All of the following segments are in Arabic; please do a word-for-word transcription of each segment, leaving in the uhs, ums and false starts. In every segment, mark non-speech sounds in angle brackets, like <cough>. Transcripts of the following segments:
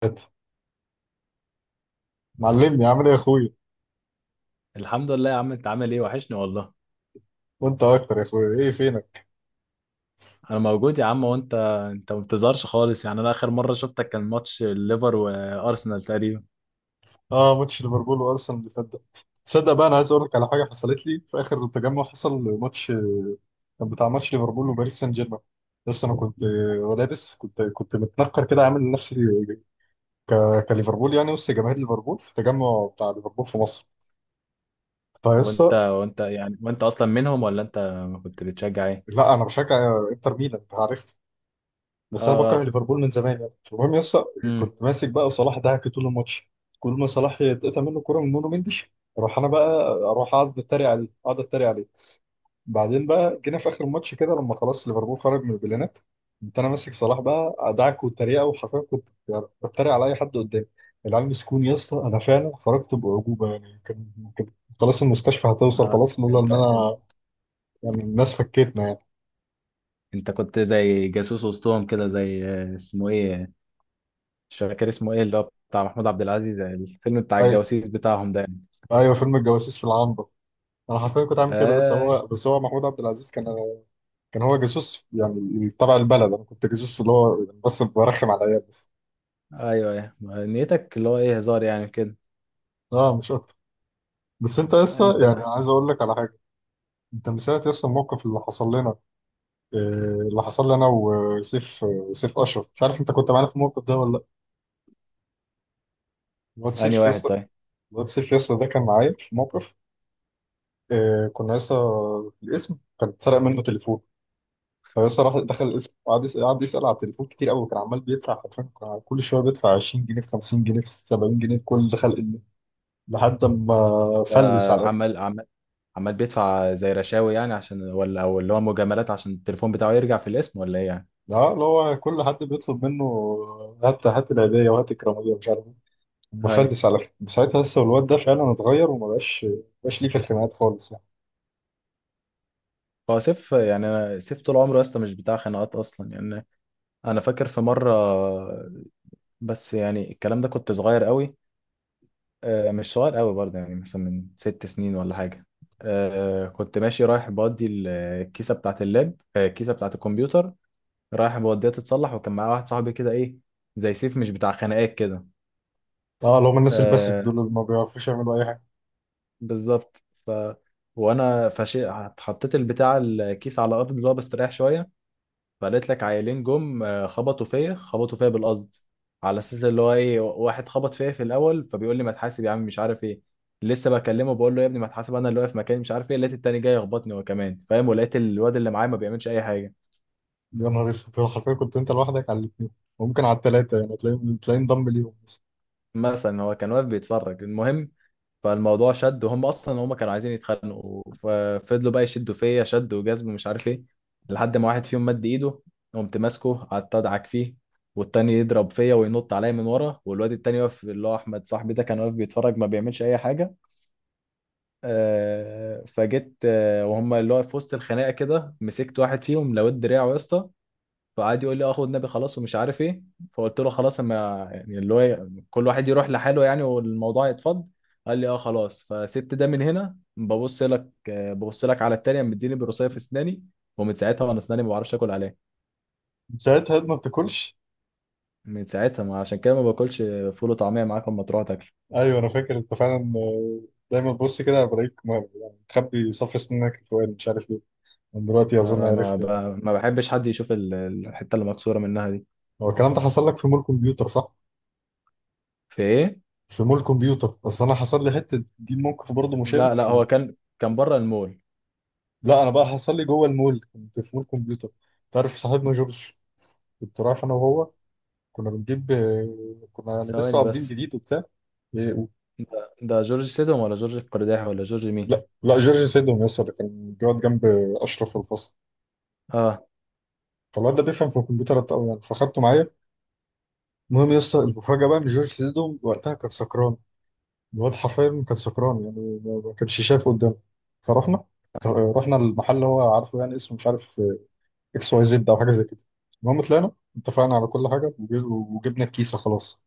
<laughs> فات. معلمني عامل ايه يا اخويا؟ الحمد لله يا عم، انت عامل ايه؟ وحشني والله. وانت اكتر يا اخويا، ايه فينك؟ انا موجود يا عم، وانت؟ انت ما بتظهرش خالص يعني. انا اخر مره شفتك كان ماتش الليفر وارسنال تقريبا. اه، ماتش ليفربول وارسنال اللي فات ده. تصدق بقى، انا عايز اقول لك على حاجه حصلت لي في اخر التجمع. حصل ماتش آه، كان بتاع ماتش ليفربول وباريس سان جيرمان. بس انا كنت آه، لابس كنت كنت متنكر كده عامل نفسي ك... كليفربول يعني، وسط جماهير ليفربول في التجمع بتاع ليفربول في مصر. هو انت فيسا وانت يعني وانت اصلا منهم، ولا انت كنت بتشجع ايه؟ لا، انا بشجع انتر ميلان انت عارف. اه بس انا بكره اه. ليفربول من زمان يعني. المهم يا اسطى، امم كنت ماسك بقى صلاح دعك طول الماتش. كل ما صلاح يتقطع منه كوره من نونو مندش، اروح انا بقى اروح اقعد اتريق عليه اقعد اتريق عليه. بعدين بقى جينا في اخر الماتش كده لما خلاص ليفربول خرج من البلانات، كنت انا ماسك صلاح بقى ادعك والتريقه، وحرفيا كنت يعني بتريق على اي حد قدامي. العيال مسكوني يا اسطى، انا فعلا خرجت باعجوبه يعني. كان كان خلاص المستشفى هتوصل آه. خلاص لولا انت ان انت انا، يعني الناس فكتنا يعني. انت كنت زي جاسوس وسطهم كده، زي آه، اسمه ايه، مش فاكر اسمه ايه، اللي هو بتاع محمود عبد العزيز، الفيلم بتاع ايوه، الجواسيس بتاعهم ده يعني. ايوه، فيلم الجواسيس في العنبر. انا حرفيا كنت عامل كده، بس آه. هو بس هو محمود عبد العزيز كان كان هو جاسوس يعني تبع البلد، انا كنت جاسوس اللي هو يعني بس برخم على العيال بس. ايوه ايوه، نيتك اللي هو ايه، هزار يعني كده. اه، مش اكتر. بس انت لسه انت يعني عايز اقول لك على حاجه. انت من ساعه لسه الموقف اللي حصل لنا، آه، اللي حصل لنا وسيف، آه، سيف اشرف مش عارف انت كنت معانا في الموقف ده ولا لا. الواد انهي سيف واحد يسطا، طيب؟ الواد سيف يسطا ده كان معايا في موقف آه، كنا لسه. الاسم كان اتسرق منه تليفون، فبس راح دخل اسمه قعد يسأل قعد يسأل على التليفون كتير قوي. وكان عمال بيدفع حرفيا، كان كل شويه بيدفع عشرين جنيه في خمسين جنيه في سبعين جنيه في كل خلق الله لحد ما فلس آه، على الاخر. عمال عمال، عمال بيدفع زي رشاوي يعني، عشان ولا او اللي هو مجاملات عشان التليفون بتاعه يرجع في الاسم، ولا ايه يعني؟ لا، اللي هو كل حد بيطلب منه هات هات العيدية وهات الكرامية مش عارف ايه. هاي. مفلس على الاخر. من ساعتها لسه الواد ده فعلا اتغير، وما بقاش بقاش ليه في الخناقات خالص يعني. هو سيف، يعني سيف طول عمره يا اسطى مش بتاع خناقات اصلا يعني. انا فاكر في مره، بس يعني الكلام ده كنت صغير قوي. آه، مش صغير قوي برضه، يعني مثلا من ست سنين ولا حاجه. آه، كنت ماشي رايح بودي ال- الكيسه بتاعه اللاب، آه، الكيسه بتاعه الكمبيوتر. رايح بوديها تتصلح، وكان معايا واحد صاحبي كده ايه، زي سيف مش بتاع خناقات كده. اه، اللي هم الناس الباسف آه، دول اللي ما بيعرفوش يعملوا اي حاجه. بالظبط. ف وانا فشي حطيت البتاع الكيس على الارض، اللي هو بستريح شويه. فقالت لك عيلين جم، آه، خبطوا فيا، خبطوا فيا بالقصد، على اساس اللي هو ايه، واحد خبط فيا في الاول، فبيقول لي ما تحاسب يا عم، مش عارف ايه. لسه بكلمه، بقول له يا ابني ما تحاسب، انا اللي واقف مكاني، مش عارف ايه، لقيت التاني جاي يخبطني هو كمان، فاهم، ولقيت الواد اللي معايا ما بيعملش اي حاجه. يا نهار اسود، هو حرفيا كنت انت لوحدك على الاثنين، وممكن على الثلاثه يعني. تلاقيه تلاقيه انضم ليهم بس. مثلا هو كان واقف بيتفرج. المهم، فالموضوع شد، وهم اصلا هم كانوا عايزين يتخانقوا، ففضلوا بقى يشدوا فيا شد وجذب ومش عارف ايه. لحد ما واحد فيهم مد ايده، قمت ماسكه، قعدت ادعك فيه، والتاني يضرب فيا وينط عليا من ورا، والواد التاني واقف، اللي هو احمد صاحبي ده، كان واقف بيتفرج ما بيعملش اي حاجه. آه، فجيت، آه، وهم اللي هو في وسط الخناقه كده، مسكت واحد فيهم لويت دراعه يا اسطى. فقعد يقول لي اه خد نبي خلاص، ومش عارف ايه. فقلت له خلاص، اما يعني اللي هو كل واحد يروح لحاله يعني، والموضوع يتفض. قال لي اه خلاص. فسبت ده، من هنا ببص لك، آه، ببص لك على التانية، مديني بروسيه في اسناني. ومن ساعتها وانا اسناني ما بعرفش اكل عليها. ساعتها الواد ما بتاكلش. من ساعتها ما، عشان كده ما باكلش فول وطعميه معاك اما تروح تاكل. ايوه انا فاكر انت فعلا، آه، دايما بص كده بلاقيك م- يعني مخبي صف سنانك الفوقاني مش عارف ليه. من دلوقتي اظن ما ما عرفت يعني. ب- ما بحبش حد يشوف ال- الحته اللي مكسوره منها دي. هو الكلام ده حصل لك في مول كمبيوتر صح؟ في ايه؟ في مول كمبيوتر، اصل انا حصل لي حته دي موقف برضه مشابه لا لا، في... هو كان كان بره المول. لا، انا بقى حصل لي جوه المول، كنت في مول كمبيوتر. تعرف صاحبنا جورج؟ كنت رايح انا وهو، كنا بنجيب آه، كنا يعني لسه ثواني قابضين بس، جديد وبتاع. إيه، و- ده, ده جورج سيدهم، ولا جورج القرداحي، ولا جورج مين؟ لا لا، جورج سيدهم يسر كان بيقعد جنب اشرف في الفصل. اه. فالواد ده بيفهم في الكمبيوتر قوي يعني، فاخدته معايا. المهم يا اسطى، المفاجأة بقى إن جورج سيدو وقتها كان سكران. الواد حرفيا كان سكران يعني ما ما كانش شايف قدامه. فرحنا، رحنا المحل اللي هو عارفه يعني، اسمه مش عارف، اكس واي زد أو حاجة زي كده. المهم طلعنا، اتفقنا على كل حاجة، وجي- وجبنا الكيسة خلاص.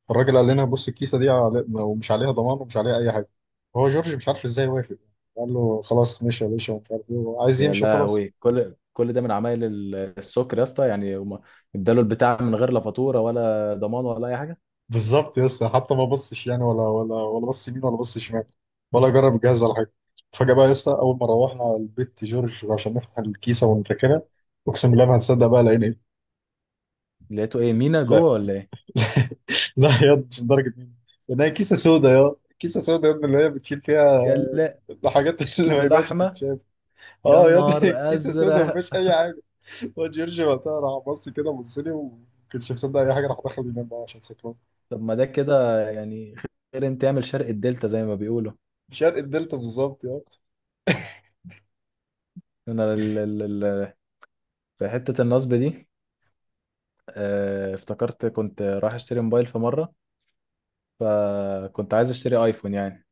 فالراجل قال لنا بص الكيسة دي على... ومش عليها ضمان ومش عليها أي حاجة. هو جورج مش عارف إزاي وافق، قال له خلاص ماشي يا باشا ومش عارف إيه وعايز يا يمشي وخلاص. لهوي، كل كل ده من عمايل ال- السكر يا اسطى يعني. هم اداله البتاع من غير لا فاتوره ولا ضمان ولا اي حاجه. بالظبط يا اسطى، حتى ما بصش يعني ولا ولا ولا بص يمين ولا بص شمال ولا جرب الجهاز ولا حاجه. فجاه بقى يا اسطى، اول ما روحنا على البيت جورج عشان نفتح الكيسه ونركنها، اقسم بالله ما هتصدق بقى لقينا ايه. لقيته ايه، مينا لا، جوه ولا ايه؟ لا يا اسطى، مش لدرجه مين. لقيناها كيسه سودا، يا كيسه سودا يا ابني اللي هي بتشيل فيها يلا. الحاجات <laughs> اللي ما كيلو ينفعش لحمه؟ تتشاف. يا اه يا ابني، <laughs> نهار كيسه سودا ما ازرق. فيهاش اي حاجه. هو جورج وقتها راح بص كده بص لي، وما كانش مصدق اي حاجه، راح دخل ينام بقى عشان سكران. طب ما ده كده يعني. خير، انت تعمل شرق الدلتا زي ما بيقولوا. شرق الدلتا بالظبط يا. انا ال ال ال في حته النصب دي. آه، افتكرت كنت رايح اشتري موبايل في مره. فكنت عايز اشتري ايفون يعني.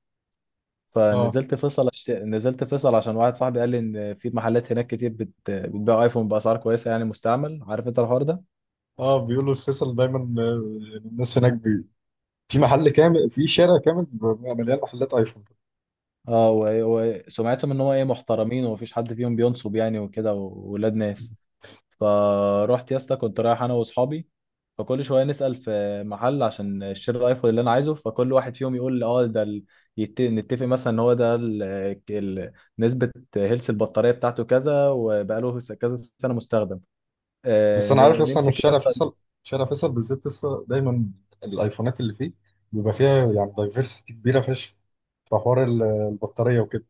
اه، فنزلت فيصل، أشت... نزلت فيصل عشان واحد صاحبي قال لي ان في محلات هناك كتير بت... بتبيع ايفون باسعار كويسه يعني، مستعمل، عارف انت الحوار ده. اه، بيقولوا الفيصل دايما، آه، الناس هناك بي... في محل كامل، في شارع كامل بيبقى مليان محلات ايفون. اه. و... وسمعتهم ان هو ايه، محترمين ومفيش حد فيهم بينصب يعني، وكده، وولاد ناس. فروحت يا اسطى، كنت رايح انا واصحابي. فكل شويه نسال في محل عشان نشتري الايفون اللي انا عايزه. فكل واحد فيهم يقول لي اه ده ال... يت... نتفق مثلا ان هو ده ال... ال... نسبه هيلث البطاريه بتاعته كذا، وبقاله س- كذا سنه مستخدم. آه، بس انا عارف ن- اصلا ان في نمسك يا شارع اسطى. فيصل، شارع فيصل بالذات لسه دايما الايفونات اللي فيه بيبقى فيها يعني دايفرستي كبيره فشخ، في حوار ال- البطاريه وكده.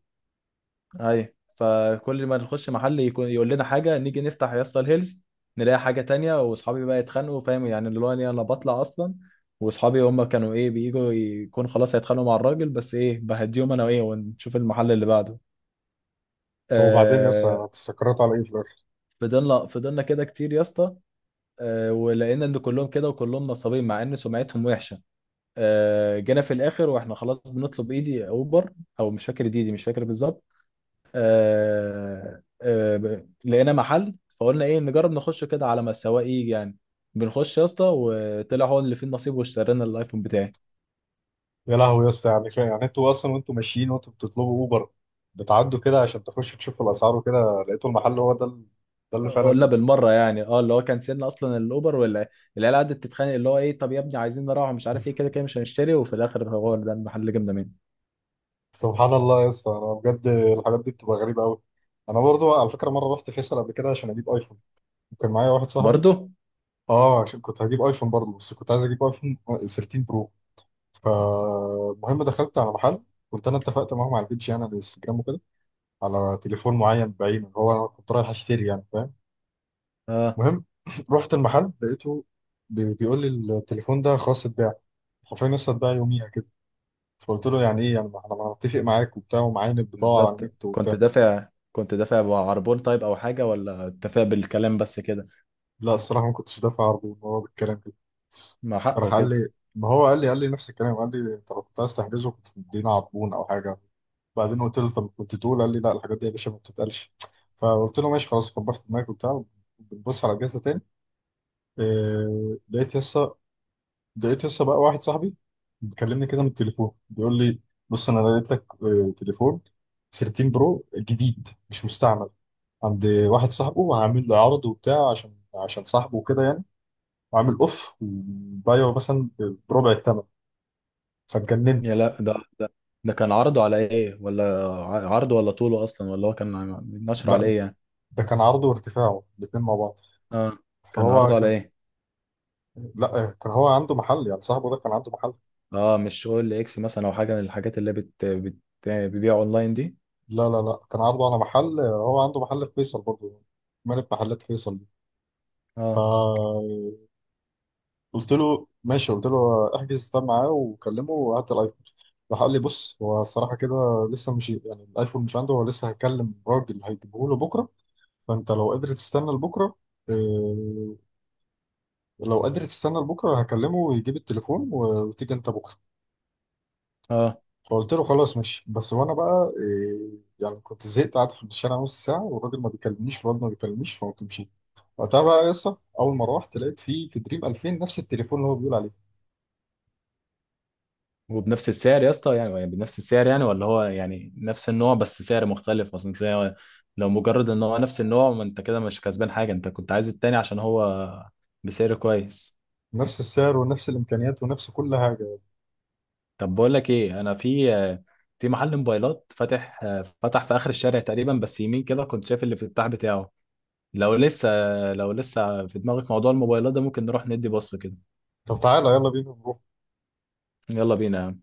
ايوه. فكل ما نخش محل يكون يقول لنا حاجه، نيجي نفتح يا اسطى الهيلز، نلاقي حاجه تانية. واصحابي بقى يتخانقوا، فاهم يعني، اللي هو أنا انا بطلع اصلا. واصحابي هم كانوا ايه، بييجوا يكون خلاص هيتخانقوا مع الراجل، بس ايه بهديهم انا، وايه ونشوف المحل اللي بعده. طب وبعدين يا اسطى، آه. يعني هتستقروا على ايه في الاخر؟ فضلنا فضلنا كده كتير يا اسطى. آه، ولقينا ان كلهم كده وكلهم نصابين، مع ان سمعتهم وحشه. آه جينا في الاخر واحنا خلاص بنطلب ايدي اوبر، او مش فاكر، ديدي مش فاكر بالظبط. آه آه، ب- لقينا محل، فقلنا ايه نجرب نخش كده على ما السواق يجي يعني. بنخش يا اسطى، وطلع هو اللي فيه النصيب، واشترينا الايفون بتاعي. يا لهوي يا اسطى، يعني فا- يعني انتوا اصلا وانتوا ماشيين وانتوا بتطلبوا اوبر، بتعدوا كده عشان تخشوا تشوفوا الاسعار وكده لقيتوا المحل هو ده ال- ده اللي فعلا قلنا كان. بالمره يعني. اه اللي هو، كنسلنا اصلا الاوبر، ولا العيال قعدت تتخانق، اللي هو ايه طب يا ابني عايزين نروح مش عارف ايه، كده كده مش هنشتري، وفي الاخر هو ده المحل اللي جبنا منه. سبحان الله يا اسطى، انا بجد الحاجات دي بتبقى غريبه قوي. انا برضو على فكره مره رحت فيصل قبل كده عشان اجيب ايفون، وكان معايا واحد صاحبي. برضه. اه، عشان كنت هجيب ايفون برضو، بس كنت عايز اجيب ايفون تلتاشر برو. فالمهم دخلت على محل، كنت انا اتفقت معاهم على البيج يعني على الانستجرام وكده، على تليفون معين بعينه اللي هو انا كنت رايح اشتري يعني فاهم. اه. المهم <clears throat> رحت المحل لقيته بي- بيقول لي التليفون ده خلاص اتباع، حرفيا لسه اتباع يوميها كده. فقلت له يعني ايه يعني، ما انا ما أنا متفق معاك وبتاع ومعاين البضاعه على بالظبط. النت كنت وبتاع. دافع كنت دافع بعربون طيب او حاجه، ولا اتفق بالكلام بس كده؟ لا الصراحة ما كنتش دافع عرضه إن هو بالكلام كده. مع راح حقه قال كده. لي، ما هو قال لي قال لي نفس الكلام، قال لي أنت لو كنت عايز تحجزه كنت تدينا عربون أو حاجة. بعدين قلت له طب كنت تقول، قال لي لا الحاجات دي يا باشا ما بتتقالش. فقلت له ماشي خلاص كبرت دماغك وبتاع. بنبص على الجهاز ده تاني، إيه؟ لقيت يسا لقيت يسا بقى واحد صاحبي بيكلمني كده من التليفون، بيقول لي بص أنا لقيت لك آه، تليفون تلتاشر برو جديد مش مستعمل عند واحد صاحبه، وعامل له عرض وبتاع عشان عشان صاحبه وكده يعني. عامل اوف وبايعه مثلا بربع الثمن، فاتجننت. يا لا ده، ده ده كان عرضه على ايه، ولا ع- عرضه ولا طوله اصلا، ولا هو كان عم- نشره على لا ايه يعني؟ ده كان عرضه وارتفاعه الاثنين مع بعض. اه. كان فهو عرضه على كان، ايه؟ لا كان هو عنده محل يعني صاحبه ده كان عنده محل. اه مش اول اكس مثلا، او حاجه من الحاجات اللي بت بت بتبيع اونلاين دي؟ لا، لا، لا، كان عرضه على محل، هو عنده محل في فيصل برضه، مالك محلات فيصل دي. اه فقلت له ماشي، قلت له احجز ده معاه وكلمه وهات الايفون. راح قال لي بص هو الصراحة كده لسه مش يعني الآيفون مش عنده، هو لسه هيكلم راجل هيجيبه له بكرة، فأنت لو قدرت تستنى لبكرة، آه، لو قادر تستنى لبكره هكلمه ويجيب التليفون، و- وتيجي انت بكره. اه. فقلت له خلاص ماشي، بس وانا بقى إيه يعني، كنت زهقت قعدت في الشارع نص ساعه والراجل ما بيكلمنيش والواد ما بيكلمنيش، فقمت مشيت. وقتها بقى يا اسطى، اول ما روحت لقيت فيه في دريم الفين نفس التليفون اللي هو بيقول عليه. وبنفس السعر يا اسطى يعني، يعني بنفس السعر يعني، ولا هو يعني نفس النوع بس سعر مختلف اصلا؟ تلاقي، لو مجرد ان هو نفس النوع، ما انت كده مش كسبان حاجه، انت كنت عايز التاني عشان هو بسعر كويس. نفس السعر ونفس الامكانيات ونفس كل حاجه. طب بقول لك ايه، انا في، في محل موبايلات فاتح، فتح في اخر الشارع تقريبا، بس يمين كده، كنت شايف الافتتاح بتاعه. لو لسه، لو لسه في دماغك موضوع الموبايلات ده، ممكن نروح ندي بص كده. طب تعالى يلا بينا نروح. يلا بينا.